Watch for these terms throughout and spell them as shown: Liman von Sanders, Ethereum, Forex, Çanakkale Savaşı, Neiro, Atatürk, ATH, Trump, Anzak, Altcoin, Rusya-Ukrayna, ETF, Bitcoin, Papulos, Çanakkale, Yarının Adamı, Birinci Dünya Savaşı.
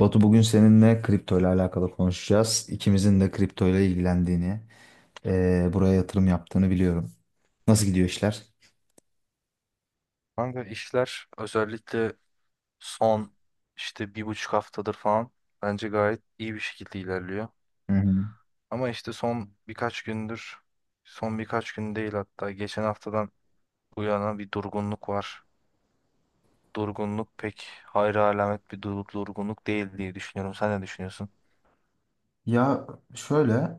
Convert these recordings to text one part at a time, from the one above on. Batu, bugün seninle kripto ile alakalı konuşacağız. İkimizin de kripto ile ilgilendiğini, buraya yatırım yaptığını biliyorum. Nasıl gidiyor işler? Kanka işler özellikle son işte bir buçuk haftadır falan bence gayet iyi bir şekilde ilerliyor. Hı hı. Ama işte son birkaç gündür, son birkaç gün değil hatta geçen haftadan bu yana bir durgunluk var. Durgunluk pek hayra alamet bir durgunluk değil diye düşünüyorum. Sen ne düşünüyorsun? Ya şöyle,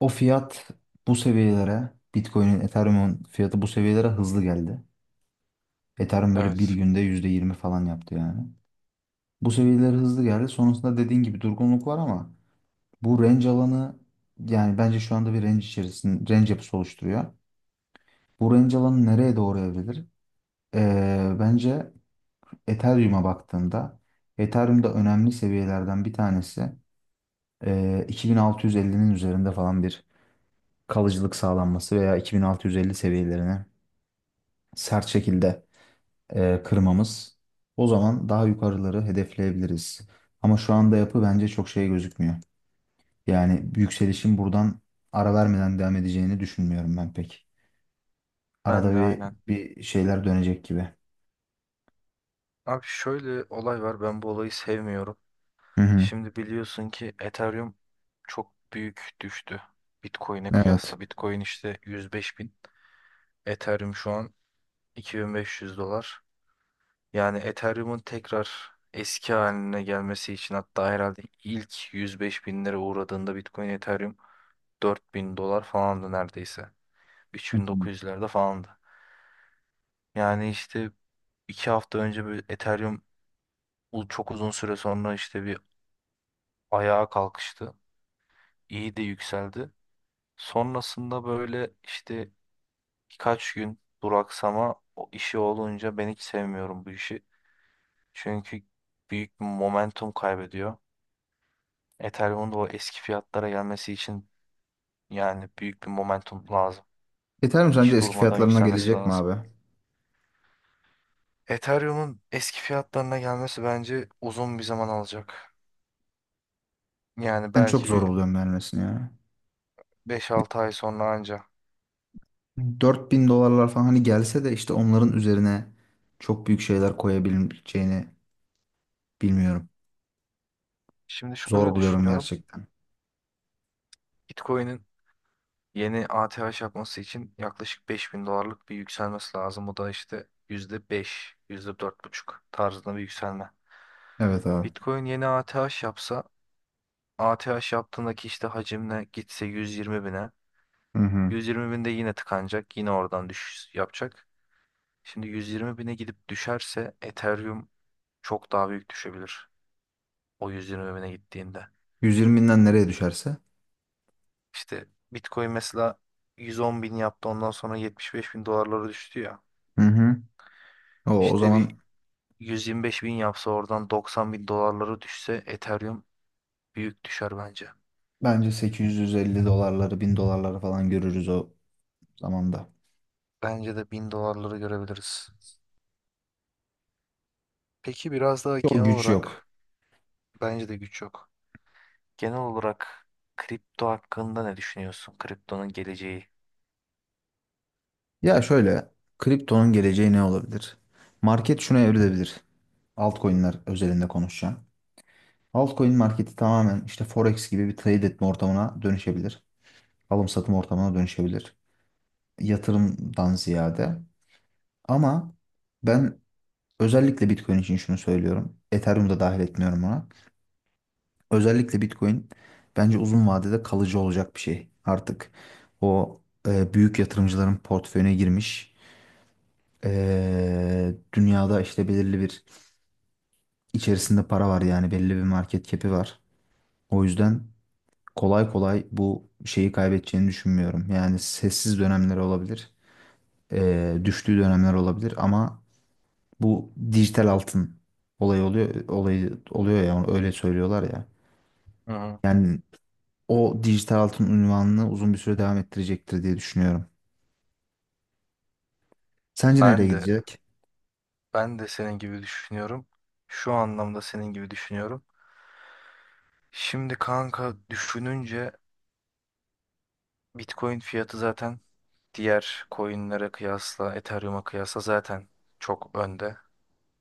o fiyat bu seviyelere, Bitcoin'in, Ethereum'un fiyatı bu seviyelere hızlı geldi. Ethereum böyle bir Evet. günde %20 falan yaptı yani. Bu seviyelere hızlı geldi. Sonrasında dediğin gibi durgunluk var ama bu range alanı, yani bence şu anda bir range içerisinde range yapısı oluşturuyor. Bu range alanı nereye doğru evrilir? Bence Ethereum'a baktığımda Ethereum'da önemli seviyelerden bir tanesi 2650'nin üzerinde falan bir kalıcılık sağlanması veya 2650 seviyelerini sert şekilde kırmamız. O zaman daha yukarıları hedefleyebiliriz. Ama şu anda yapı bence çok şey gözükmüyor. Yani yükselişin buradan ara vermeden devam edeceğini düşünmüyorum ben pek. Ben Arada de bir, aynen. bir şeyler dönecek gibi. Abi şöyle olay var. Ben bu olayı sevmiyorum. Hı hı, Şimdi biliyorsun ki Ethereum çok büyük düştü. Bitcoin'e evet. kıyasla. Bitcoin işte 105.000. Ethereum şu an 2500 dolar. Yani Ethereum'un tekrar eski haline gelmesi için hatta herhalde ilk 105 bin lira uğradığında Bitcoin Ethereum 4000 dolar falandı neredeyse. Hı hı. 3900'lerde falandı. Yani işte 2 hafta önce bir Ethereum çok uzun süre sonra işte bir ayağa kalkıştı. İyi de yükseldi. Sonrasında böyle işte birkaç gün duraksama o işi olunca ben hiç sevmiyorum bu işi. Çünkü büyük bir momentum kaybediyor. Ethereum'un da o eski fiyatlara gelmesi için yani büyük bir momentum lazım. Ethereum sence Hiç eski durmadan fiyatlarına yükselmesi gelecek mi lazım. abi? Ethereum'un eski fiyatlarına gelmesi bence uzun bir zaman alacak. Yani Ben çok belki zor bir oluyorum vermesini ya. beş Ya altı ay sonra anca. 4.000 dolarlar falan hani gelse de, işte onların üzerine çok büyük şeyler koyabileceğini bilmiyorum. Şimdi Zor şöyle buluyorum düşünüyorum. gerçekten. Bitcoin'in yeni ATH yapması için yaklaşık 5.000 dolarlık bir yükselmesi lazım. Bu da işte yüzde beş, yüzde dört buçuk tarzında bir yükselme. Evet abi. Bitcoin yeni ATH yapsa A T ATH yaptığındaki işte hacimle gitse 120 bine. Hı hı. 120 binde yine tıkanacak. Yine oradan düşüş yapacak. Şimdi 120 bine gidip düşerse Ethereum çok daha büyük düşebilir. O 120 bine gittiğinde. 120'den nereye düşerse. İşte Bitcoin mesela 110 bin yaptı ondan sonra 75 bin dolarlara düştü ya. Hı hı. O İşte bir zaman 125 bin yapsa oradan 90 bin dolarlara düşse Ethereum büyük düşer bence. bence 850 dolarları, 1.000 dolarları falan görürüz o zamanda. Bence de 1000 dolarları görebiliriz. Peki biraz daha genel O güç yok. olarak. Bence de güç yok. Genel olarak kripto hakkında ne düşünüyorsun? Kriptonun geleceği. Ya şöyle, kriptonun geleceği ne olabilir? Market şuna evrilebilir. Altcoin'ler özelinde konuşacağım. Altcoin marketi tamamen işte Forex gibi bir trade etme ortamına dönüşebilir. Alım satım ortamına dönüşebilir. Yatırımdan ziyade. Ama ben özellikle Bitcoin için şunu söylüyorum. Ethereum'u da dahil etmiyorum ona. Özellikle Bitcoin bence uzun vadede kalıcı olacak bir şey. Artık o büyük yatırımcıların portföyüne girmiş. Dünyada işte belirli bir içerisinde para var, yani belli bir market cap'i var. O yüzden kolay kolay bu şeyi kaybedeceğini düşünmüyorum. Yani sessiz dönemler olabilir, düştüğü dönemler olabilir ama bu dijital altın olayı oluyor, olayı oluyor ya, öyle söylüyorlar ya. Hı hı. Yani o dijital altın unvanını uzun bir süre devam ettirecektir diye düşünüyorum. Sence nereye Ben de gidecek? ben de senin gibi düşünüyorum. Şu anlamda senin gibi düşünüyorum. Şimdi kanka düşününce Bitcoin fiyatı zaten diğer coinlere kıyasla, Ethereum'a kıyasla zaten çok önde.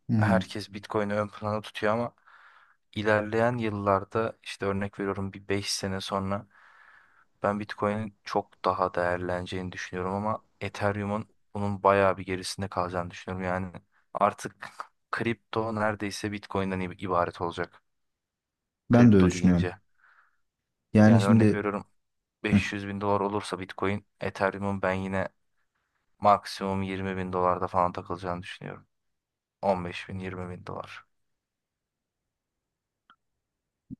Hı hı. Herkes Bitcoin'i ön plana tutuyor ama ilerleyen yıllarda işte örnek veriyorum bir 5 sene sonra ben Bitcoin'in çok daha değerleneceğini düşünüyorum ama Ethereum'un bunun bayağı bir gerisinde kalacağını düşünüyorum. Yani artık kripto neredeyse Bitcoin'den ibaret olacak. Ben de öyle Kripto düşünüyorum. deyince. Yani Yani örnek şimdi veriyorum hı, 500 bin dolar olursa Bitcoin, Ethereum'un ben yine maksimum 20 bin dolarda falan takılacağını düşünüyorum. 15 bin, 20 bin dolar.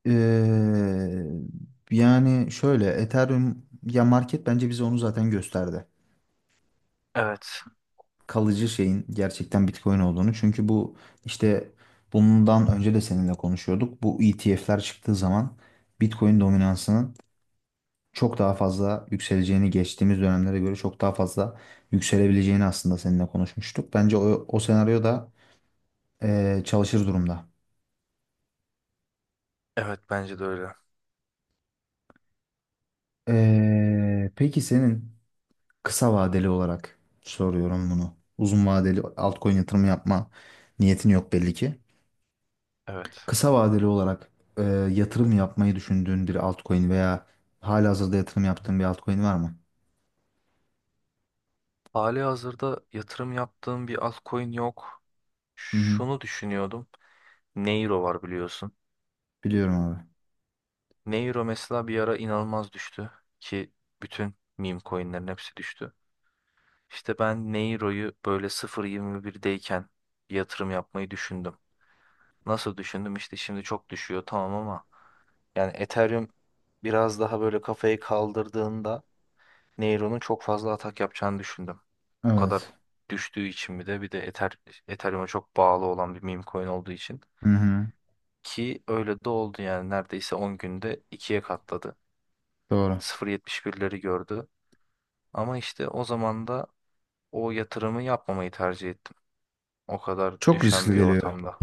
yani şöyle Ethereum, ya market bence bize onu zaten gösterdi, Evet, kalıcı şeyin gerçekten Bitcoin olduğunu. Çünkü bu işte bundan önce de seninle konuşuyorduk. Bu ETF'ler çıktığı zaman Bitcoin dominansının çok daha fazla yükseleceğini, geçtiğimiz dönemlere göre çok daha fazla yükselebileceğini aslında seninle konuşmuştuk. Bence o senaryo da çalışır durumda. evet bence de öyle. Peki senin, kısa vadeli olarak soruyorum bunu, uzun vadeli altcoin yatırımı yapma niyetin yok belli ki. Evet. Kısa vadeli olarak e, yatırım yapmayı düşündüğün bir altcoin veya halihazırda yatırım yaptığın bir altcoin var mı? Hali hazırda yatırım yaptığım bir altcoin yok. Hı hı. Şunu düşünüyordum. Neiro var biliyorsun. Biliyorum abi. Neuro mesela bir ara inanılmaz düştü ki bütün meme coinlerin hepsi düştü. İşte ben Neuro'yu böyle sıfır virgül yirmi birdeyken yatırım yapmayı düşündüm. Nasıl düşündüm? İşte şimdi çok düşüyor tamam ama yani Ethereum biraz daha böyle kafayı kaldırdığında Neuro'nun çok fazla atak yapacağını düşündüm. Bu kadar Evet. düştüğü için bir de Ethereum'a çok bağlı olan bir meme coin olduğu için Hı hı. ki öyle de oldu yani neredeyse 10 günde ikiye katladı. Doğru. Sıfır virgül yetmiş birleri gördü. Ama işte o zaman da o yatırımı yapmamayı tercih ettim. O kadar Çok düşen riskli bir geliyor ortamda.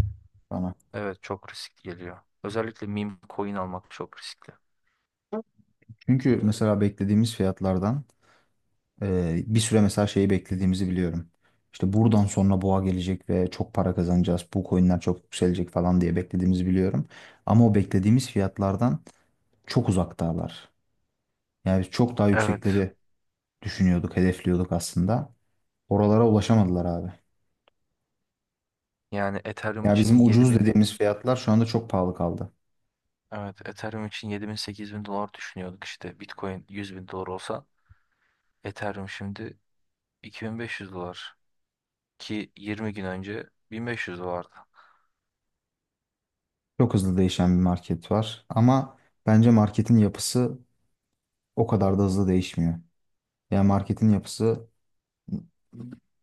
bana. Evet çok risk geliyor. Özellikle meme coin almak çok riskli. Çünkü mesela beklediğimiz fiyatlardan, bir süre mesela şeyi beklediğimizi biliyorum. İşte buradan sonra boğa gelecek ve çok para kazanacağız. Bu coinler çok yükselecek falan diye beklediğimizi biliyorum. Ama o beklediğimiz fiyatlardan çok uzaktalar. Yani çok daha Evet. yüksekleri düşünüyorduk, hedefliyorduk aslında. Oralara ulaşamadılar abi. Yani Ethereum Ya için bizim ucuz 7000. dediğimiz fiyatlar şu anda çok pahalı kaldı. Evet, Ethereum için 7000 8000 dolar düşünüyorduk işte. Bitcoin 100 bin dolar olsa Ethereum şimdi 2500 dolar ki 20 gün önce 1500 dolardı. Çok hızlı değişen bir market var. Ama bence marketin yapısı o kadar da hızlı değişmiyor. Ya marketin yapısı,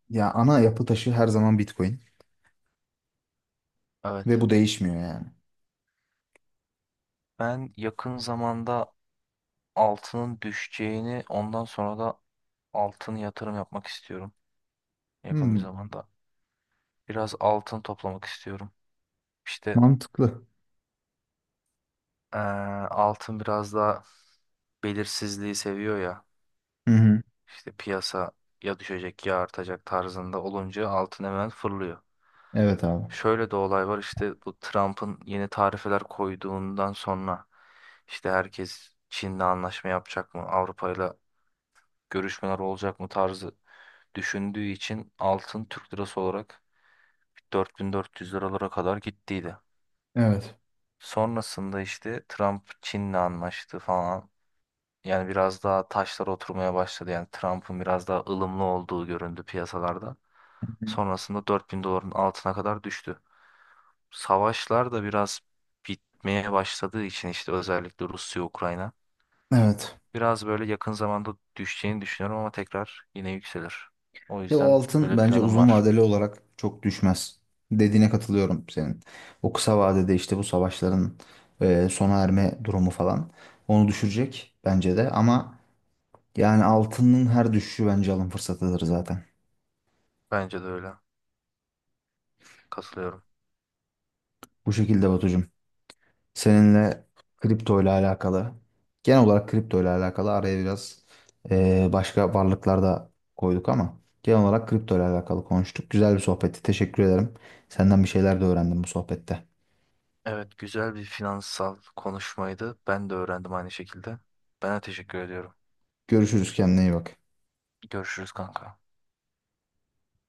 ya ana yapı taşı her zaman Bitcoin Evet. ve bu değişmiyor yani. Ben yakın zamanda altının düşeceğini ondan sonra da altın yatırım yapmak istiyorum, yakın bir Hmm, zamanda. Biraz altın toplamak istiyorum. İşte mantıklı. eee, altın biraz daha belirsizliği seviyor ya. Hı hı. İşte piyasa ya düşecek ya artacak tarzında olunca altın hemen fırlıyor. Evet abi. Şöyle de olay var işte bu Trump'ın yeni tarifeler koyduğundan sonra işte herkes Çin'le anlaşma yapacak mı, Avrupa'yla görüşmeler olacak mı tarzı düşündüğü için altın Türk lirası olarak 4400 liralara kadar gittiydi. Evet. Sonrasında işte Trump Çin'le anlaştı falan. Yani biraz daha taşlar oturmaya başladı. Yani Trump'ın biraz daha ılımlı olduğu göründü piyasalarda. Hı hı. Sonrasında 4000 doların altına kadar düştü. Savaşlar da biraz bitmeye başladığı için işte özellikle Rusya-Ukrayna. Evet. Biraz böyle yakın zamanda düşeceğini düşünüyorum ama tekrar yine yükselir. O Ya o yüzden altın böyle bence planım uzun var. vadeli olarak çok düşmez. Dediğine katılıyorum senin. O kısa vadede işte bu savaşların sona erme durumu falan onu düşürecek bence de. Ama yani altının her düşüşü bence alım fırsatıdır zaten. Bence de öyle. Katılıyorum. Bu şekilde Batucuğum. Seninle kripto ile alakalı, genel olarak kripto ile alakalı, araya biraz başka varlıklar da koyduk ama genel olarak kripto ile alakalı konuştuk. Güzel bir sohbetti. Teşekkür ederim. Senden bir şeyler de öğrendim bu sohbette. Evet, güzel bir finansal konuşmaydı. Ben de öğrendim aynı şekilde. Ben de teşekkür ediyorum. Görüşürüz, kendine iyi bak. Görüşürüz kanka.